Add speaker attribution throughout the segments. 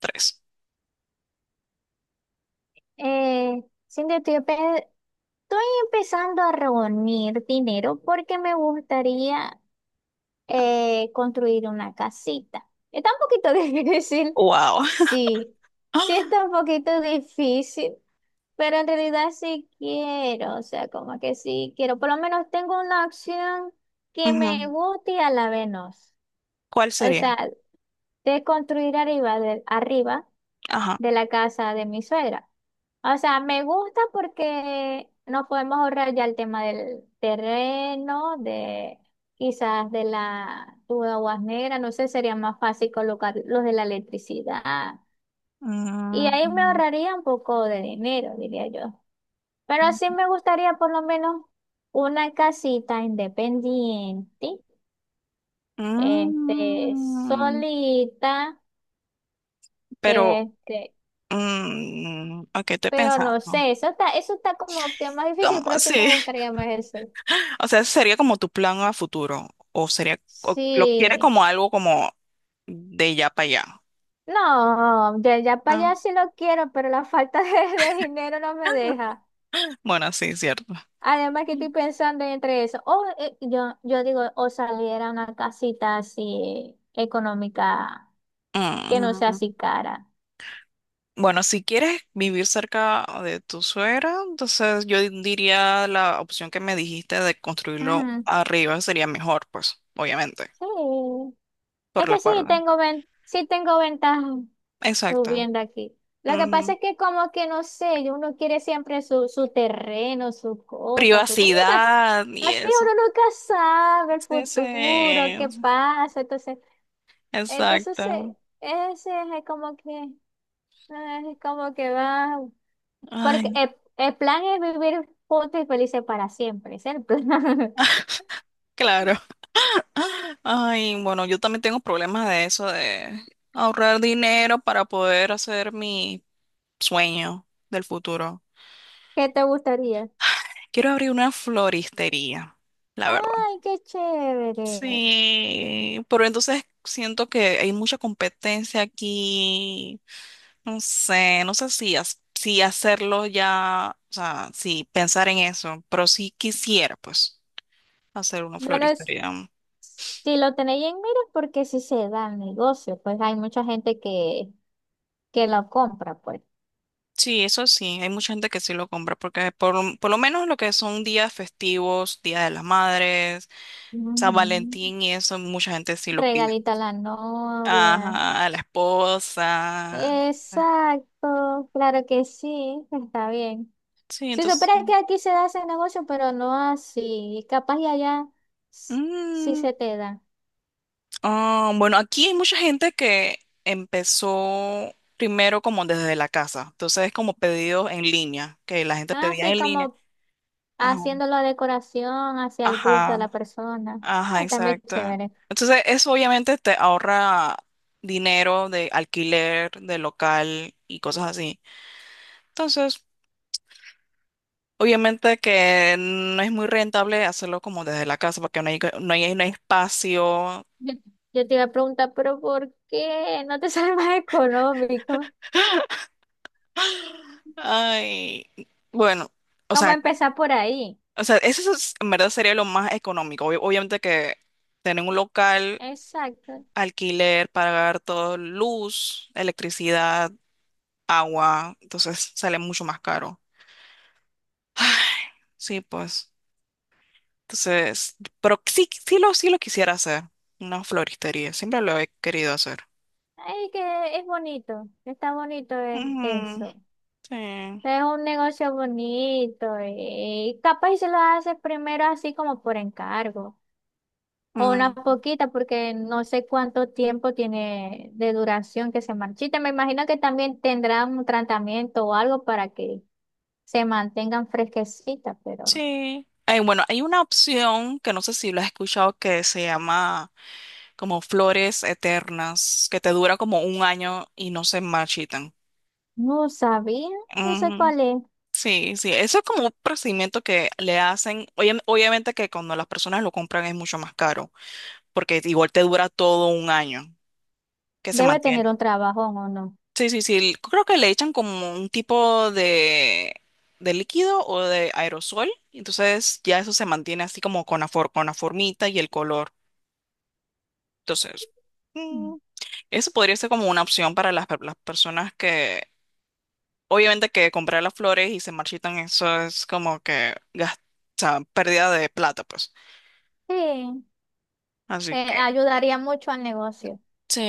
Speaker 1: Tres.
Speaker 2: Cintia, estoy empezando a reunir dinero porque me gustaría construir una casita. Está un poquito difícil,
Speaker 1: Wow.
Speaker 2: sí, sí está un poquito difícil, pero en realidad sí quiero, o sea, como que sí quiero. Por lo menos tengo una opción que me
Speaker 1: Ujú.
Speaker 2: guste y a la vez no.
Speaker 1: ¿Cuál
Speaker 2: O
Speaker 1: sería?
Speaker 2: sea, de construir arriba, arriba
Speaker 1: Ajá.
Speaker 2: de la casa de mi suegra. O sea, me gusta porque nos podemos ahorrar ya el tema del terreno, de quizás de la tuba guasnera, no sé, sería más fácil colocar los de la electricidad. Y ahí me
Speaker 1: Mm,
Speaker 2: ahorraría un poco de dinero, diría yo. Pero sí me gustaría por lo menos una casita independiente, este,
Speaker 1: mm,
Speaker 2: solita,
Speaker 1: pero,
Speaker 2: este,
Speaker 1: ok, estoy
Speaker 2: pero no
Speaker 1: pensando.
Speaker 2: sé, eso está como que más
Speaker 1: Como,
Speaker 2: difícil, pero sí me
Speaker 1: sí.
Speaker 2: gustaría más eso.
Speaker 1: O sea, sería como tu plan a futuro. O sería, o lo quieres
Speaker 2: Sí.
Speaker 1: como algo como de ya para allá.
Speaker 2: No, ya, ya para
Speaker 1: Ah,
Speaker 2: allá sí lo quiero, pero la falta de dinero no me deja.
Speaker 1: bueno, sí, cierto.
Speaker 2: Además que
Speaker 1: Mm,
Speaker 2: estoy pensando entre eso. O yo digo, o saliera una casita así económica que no sea
Speaker 1: mm,
Speaker 2: así cara.
Speaker 1: Bueno, si quieres vivir cerca de tu suegra, entonces yo diría la opción que me dijiste de construirlo
Speaker 2: Ujú.
Speaker 1: arriba sería mejor, pues, obviamente,
Speaker 2: Sí. Es
Speaker 1: por la
Speaker 2: que sí
Speaker 1: parte.
Speaker 2: tengo ven, sí tengo ventaja.
Speaker 1: Exacto.
Speaker 2: Subiendo aquí. Lo que pasa
Speaker 1: Ujú.
Speaker 2: es que como que no sé, uno quiere siempre su, su terreno, su cosa, porque uno nunca, s-
Speaker 1: Privacidad y
Speaker 2: así
Speaker 1: eso.
Speaker 2: uno nunca sabe el
Speaker 1: Sí, sí,
Speaker 2: futuro, qué pasa, entonces, entonces
Speaker 1: exacto.
Speaker 2: ese es como que, es como que va, porque
Speaker 1: Ay,
Speaker 2: el plan es vivir juntos y felices para siempre, ese es el plan.
Speaker 1: claro. Ay, bueno, yo también tengo problemas de eso, de ahorrar dinero para poder hacer mi sueño del futuro.
Speaker 2: ¿Qué te gustaría?
Speaker 1: Quiero abrir una floristería, la verdad.
Speaker 2: Ay, qué chévere.
Speaker 1: Sí, pero entonces siento que hay mucha competencia aquí. No sé, no sé si hacerlo ya, o sea, si pensar en eso, pero sí quisiera, pues, hacer una
Speaker 2: Bueno,
Speaker 1: floristería.
Speaker 2: si lo tenéis en mira, porque si se da el negocio, pues hay mucha gente que lo compra, pues.
Speaker 1: Sí, eso sí, hay mucha gente que sí lo compra, porque por lo menos lo que son días festivos, Día de las Madres, San
Speaker 2: Ujú.
Speaker 1: Valentín y eso, mucha gente sí lo pide.
Speaker 2: Regalito a la novia.
Speaker 1: Ajá, a la esposa.
Speaker 2: Exacto, claro que sí, está bien.
Speaker 1: Sí,
Speaker 2: Si
Speaker 1: entonces.
Speaker 2: supieras que aquí se da ese negocio, pero no así. Capaz y allá s- sí
Speaker 1: mm,
Speaker 2: se te da.
Speaker 1: ah, bueno, aquí hay mucha gente que empezó primero como desde la casa. Entonces es como pedidos en línea, que la gente pedía
Speaker 2: Así
Speaker 1: en línea.
Speaker 2: como
Speaker 1: Ajá,
Speaker 2: haciendo la decoración hacia el gusto de
Speaker 1: ajá,
Speaker 2: la persona.
Speaker 1: ajá,
Speaker 2: Ah, también
Speaker 1: exacto.
Speaker 2: chévere.
Speaker 1: Entonces eso obviamente te ahorra dinero de alquiler, de local y cosas así. Entonces, obviamente que no es muy rentable hacerlo como desde la casa porque no hay espacio.
Speaker 2: Yo, yo te iba a preguntar, pero ¿por qué no te sale más económico?
Speaker 1: Ay, bueno, o
Speaker 2: ¿Cómo
Speaker 1: sea,
Speaker 2: empezar por ahí?
Speaker 1: o sea, en verdad sería lo más económico. Obviamente que tener un local,
Speaker 2: Exacto.
Speaker 1: alquiler, pagar todo, luz, electricidad, agua, entonces sale mucho más caro. Ay, sí, pues. Entonces, pero sí, sí lo quisiera hacer, una floristería, siempre lo he querido hacer.
Speaker 2: Ay, que es bonito, está bonito es
Speaker 1: Ujú,
Speaker 2: eso.
Speaker 1: sí.
Speaker 2: Es un negocio bonito y capaz y se lo haces primero así como por encargo o una
Speaker 1: Mm,
Speaker 2: poquita porque no sé cuánto tiempo tiene de duración que se marchita. Me imagino que también tendrán un tratamiento o algo para que se mantengan fresquecitas, pero...
Speaker 1: sí. Ay, bueno, hay una opción que no sé si lo has escuchado que se llama como flores eternas que te dura como un año y no se marchitan.
Speaker 2: No sabía. ¿Eso
Speaker 1: Ujú.
Speaker 2: cuál es?
Speaker 1: Sí, sí, eso es como un procedimiento que le hacen, obviamente que cuando las personas lo compran es mucho más caro, porque igual te dura todo un año que se
Speaker 2: Debe tener
Speaker 1: mantiene.
Speaker 2: un trabajón o no.
Speaker 1: Sí, sí, sí, creo que le echan como un tipo de líquido o de aerosol, y entonces ya eso se mantiene así como con la formita y el color. Entonces,
Speaker 2: Mm.
Speaker 1: mm, eso podría ser como una opción para las personas que obviamente que comprar las flores y se marchitan, eso es como que o sea, pérdida de plata, pues.
Speaker 2: Sí,
Speaker 1: Así que
Speaker 2: ayudaría mucho al negocio.
Speaker 1: sí,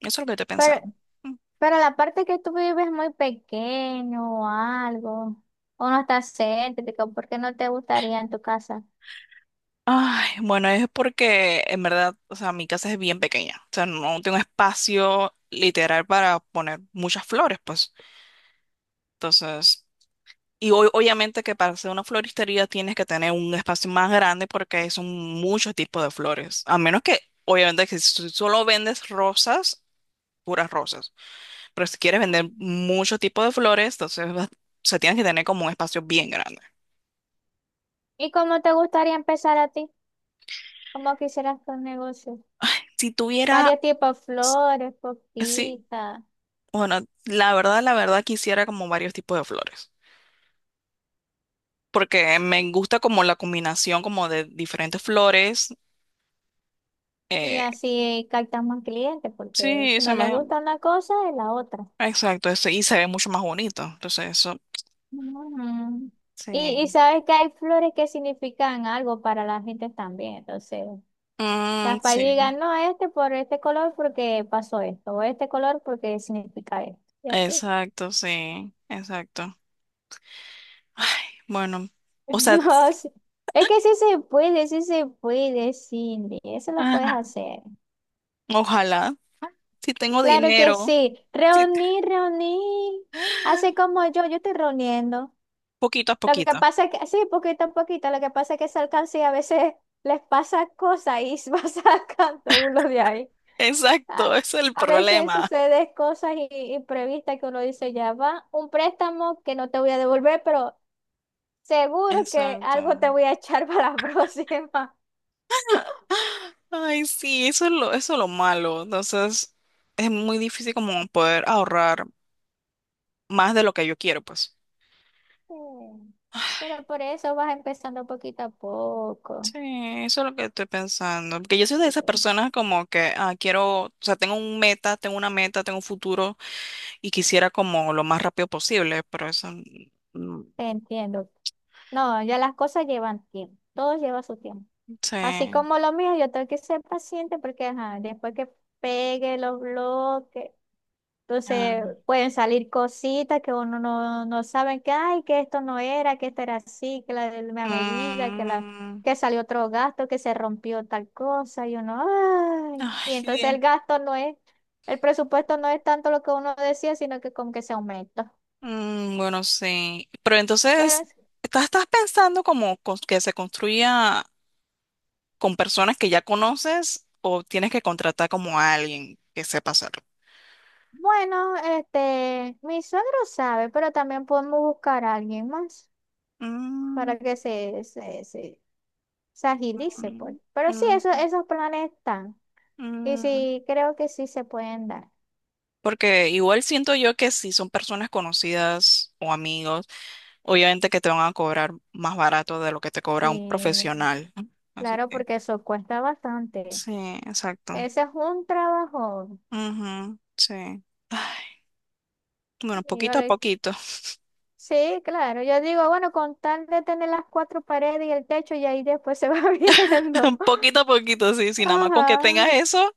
Speaker 1: eso es lo que estoy
Speaker 2: Pero,
Speaker 1: pensando. Mm.
Speaker 2: pero la parte que tú vives es muy pequeño o algo, o no está céntrico, ¿por qué no te gustaría en tu casa?
Speaker 1: Ay, bueno, es porque en verdad, o sea, mi casa es bien pequeña. O sea, no tengo espacio literal para poner muchas flores, pues. Entonces, y obviamente que para hacer una floristería tienes que tener un espacio más grande porque son muchos tipos de flores. A menos que, obviamente, que si solo vendes rosas, puras rosas. Pero si quieres vender mucho tipo de flores, entonces o sea, tienes que tener como un espacio bien grande.
Speaker 2: ¿Y cómo te gustaría empezar a ti? ¿Cómo quisieras tu negocio?
Speaker 1: Si tuviera,
Speaker 2: Varios tipos de
Speaker 1: s-
Speaker 2: flores,
Speaker 1: sí,
Speaker 2: coquitas,
Speaker 1: bueno, la verdad quisiera como varios tipos de flores, porque me gusta como la combinación como de diferentes flores.
Speaker 2: y
Speaker 1: eh,
Speaker 2: así captas más clientes, porque
Speaker 1: sí,
Speaker 2: si
Speaker 1: se
Speaker 2: no le
Speaker 1: me,
Speaker 2: gusta una cosa, es la otra.
Speaker 1: exacto, eso, y se ve mucho más bonito. Entonces eso,
Speaker 2: Ujú. Y
Speaker 1: sí.
Speaker 2: sabes que hay flores que significan algo para las gentes también. Entonces,
Speaker 1: Mm,
Speaker 2: capaz
Speaker 1: sí,
Speaker 2: digan, no, este por este color porque pasó esto, o este color porque significa esto. Y así.
Speaker 1: exacto, sí, exacto. Ay, bueno, o sea,
Speaker 2: No, sí. Es que sí se puede, Cindy. Eso lo puedes
Speaker 1: ah,
Speaker 2: hacer.
Speaker 1: ojalá, si tengo
Speaker 2: Claro que
Speaker 1: dinero.
Speaker 2: sí.
Speaker 1: Si
Speaker 2: Reunir, reunir. Así como yo estoy reuniendo.
Speaker 1: poquito a
Speaker 2: Lo que
Speaker 1: poquito.
Speaker 2: pasa es que, sí, poquito a poquito, lo que pasa es que esa alcancía a veces les pasa cosas y se va sacando uno de ahí.
Speaker 1: Exacto,
Speaker 2: A,
Speaker 1: ese es el
Speaker 2: a veces
Speaker 1: problema.
Speaker 2: sucede cosas i- imprevistas que uno dice, ya va, un préstamo que no te voy a devolver, pero seguro que algo te
Speaker 1: Exacto.
Speaker 2: voy a echar para la próxima.
Speaker 1: Ay, sí, eso es lo malo. Entonces, es muy difícil como poder ahorrar más de lo que yo quiero, pues.
Speaker 2: Mm. Pero por eso vas empezando poquito a poco.
Speaker 1: Sí, eso es lo que estoy pensando. Porque yo soy de
Speaker 2: Sí,
Speaker 1: esas personas como que ah, quiero, o sea, tengo una meta, tengo un futuro y quisiera como lo más rápido posible, pero eso mm,
Speaker 2: entiendo. No, ya las cosas llevan tiempo. Todo lleva su tiempo. Así
Speaker 1: sí.
Speaker 2: como lo mío, yo tengo que ser paciente porque ajá, después que pegue los bloques, entonces
Speaker 1: Ah.
Speaker 2: pueden salir cositas que uno no sabe que, ay, que esto no era, que esto era así, que la medida, que la,
Speaker 1: Mm,
Speaker 2: que salió otro gasto, que se rompió tal cosa, y uno, ay,
Speaker 1: ay,
Speaker 2: y entonces
Speaker 1: Dios.
Speaker 2: el gasto no es, el presupuesto no es tanto lo que uno decía, sino que como que se aumenta.
Speaker 1: Mm, bueno, sí. Pero
Speaker 2: Pero
Speaker 1: entonces, ¿estás pensando como que se construya con personas que ya conoces o tienes que contratar como a alguien que sepa hacerlo?
Speaker 2: bueno, este, mi suegro sabe, pero también podemos buscar a alguien más
Speaker 1: Mm,
Speaker 2: para que se agilice, pues. Pero sí, eso,
Speaker 1: mm,
Speaker 2: esos planes están. Y
Speaker 1: mm.
Speaker 2: sí, creo que sí se pueden dar.
Speaker 1: Porque igual siento yo que si son personas conocidas o amigos, obviamente que te van a cobrar más barato de lo que te cobra un
Speaker 2: Sí,
Speaker 1: profesional, ¿no? Así
Speaker 2: claro,
Speaker 1: que,
Speaker 2: porque eso cuesta bastante.
Speaker 1: sí, exacto.
Speaker 2: Ese es un trabajo.
Speaker 1: Ujú, sí. Ay, bueno, poquito a
Speaker 2: Dígale.
Speaker 1: poquito.
Speaker 2: Sí, claro. Yo digo, bueno, con tal de tener las cuatro paredes y el techo, y ahí después se va viendo.
Speaker 1: Un poquito a poquito, sí, sí, nada más con que
Speaker 2: Ajá.
Speaker 1: tengas eso.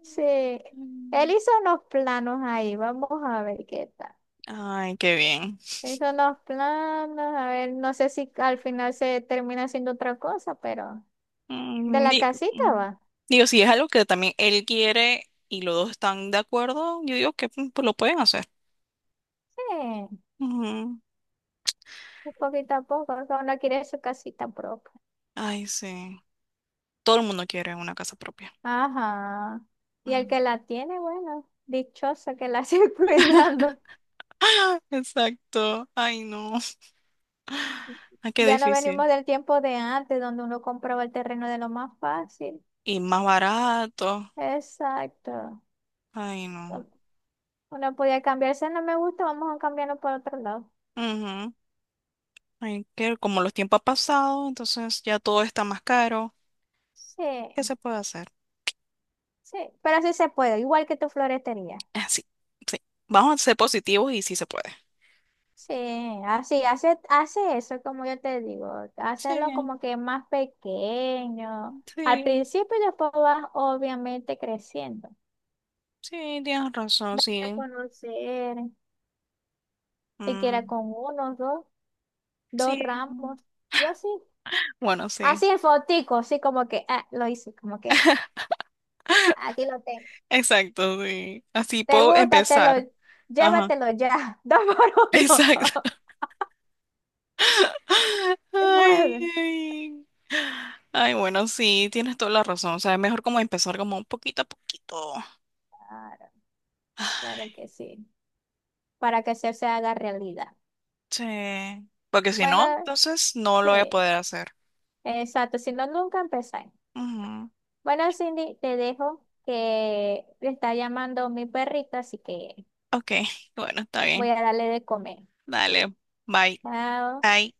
Speaker 2: Sí, él
Speaker 1: Mm,
Speaker 2: hizo unos planos ahí, vamos a ver qué tal.
Speaker 1: ay, qué bien.
Speaker 2: Hizo unos planos, a ver, no sé si al final se termina haciendo otra cosa, pero de
Speaker 1: Mm,
Speaker 2: la
Speaker 1: di-
Speaker 2: casita
Speaker 1: mm,
Speaker 2: va.
Speaker 1: Digo, si es algo que también él quiere y los dos están de acuerdo, yo digo que pues, lo pueden hacer.
Speaker 2: Sí,
Speaker 1: Ujú.
Speaker 2: un poquito a poco, cada uno quiere su casita propia.
Speaker 1: Ay, sí. Todo el mundo quiere una casa propia.
Speaker 2: Ajá. Y el
Speaker 1: Mm.
Speaker 2: que la tiene, bueno, dichosa que la sigue cuidando.
Speaker 1: Exacto. Ay, no. Ay, qué
Speaker 2: Ya no
Speaker 1: difícil.
Speaker 2: venimos del tiempo de antes, donde uno compraba el terreno de lo más fácil.
Speaker 1: Y más barato.
Speaker 2: Exacto.
Speaker 1: Ay, no.
Speaker 2: Uno podía cambiarse, no me gusta, vamos a cambiarlo por otro lado.
Speaker 1: Ujú. Ay, que como los tiempos han pasado, entonces ya todo está más caro.
Speaker 2: Sí,
Speaker 1: ¿Qué se puede hacer?
Speaker 2: sí, pero sí se puede, igual que tu florestería.
Speaker 1: Así, sí. Sí. Vamos a ser positivos y sí se puede.
Speaker 2: Sí, así, hace eso, como yo te digo,
Speaker 1: Sí,
Speaker 2: hacerlo como que más pequeño al
Speaker 1: sí,
Speaker 2: principio y después vas obviamente creciendo.
Speaker 1: sí, tienes razón,
Speaker 2: Date a
Speaker 1: sí.
Speaker 2: conocer, siquiera
Speaker 1: Mm,
Speaker 2: con uno, dos, dos
Speaker 1: sí.
Speaker 2: ramos y así.
Speaker 1: Bueno, sí.
Speaker 2: Así en fotico, así como que, ah, lo hice, como que ah, aquí lo tengo.
Speaker 1: Exacto, sí. Así
Speaker 2: Te
Speaker 1: puedo
Speaker 2: gusta, te lo,
Speaker 1: empezar. Ajá.
Speaker 2: llévatelo ya, dos por uno.
Speaker 1: Exacto.
Speaker 2: Se
Speaker 1: Ay,
Speaker 2: puede.
Speaker 1: ay. Ay, bueno, sí, tienes toda la razón. O sea, es mejor como empezar como un poquito a poquito.
Speaker 2: Claro, claro que sí, para que se haga realidad.
Speaker 1: Sí. Porque si no,
Speaker 2: Bueno,
Speaker 1: entonces no lo voy a
Speaker 2: sí,
Speaker 1: poder hacer.
Speaker 2: exacto, si no, nunca empezáis.
Speaker 1: Ujú.
Speaker 2: Bueno, Cindy, te dejo que me está llamando mi perrito, así que
Speaker 1: Ok, bueno, está
Speaker 2: voy
Speaker 1: bien.
Speaker 2: a darle de comer.
Speaker 1: Dale. Bye.
Speaker 2: Chao.
Speaker 1: Bye.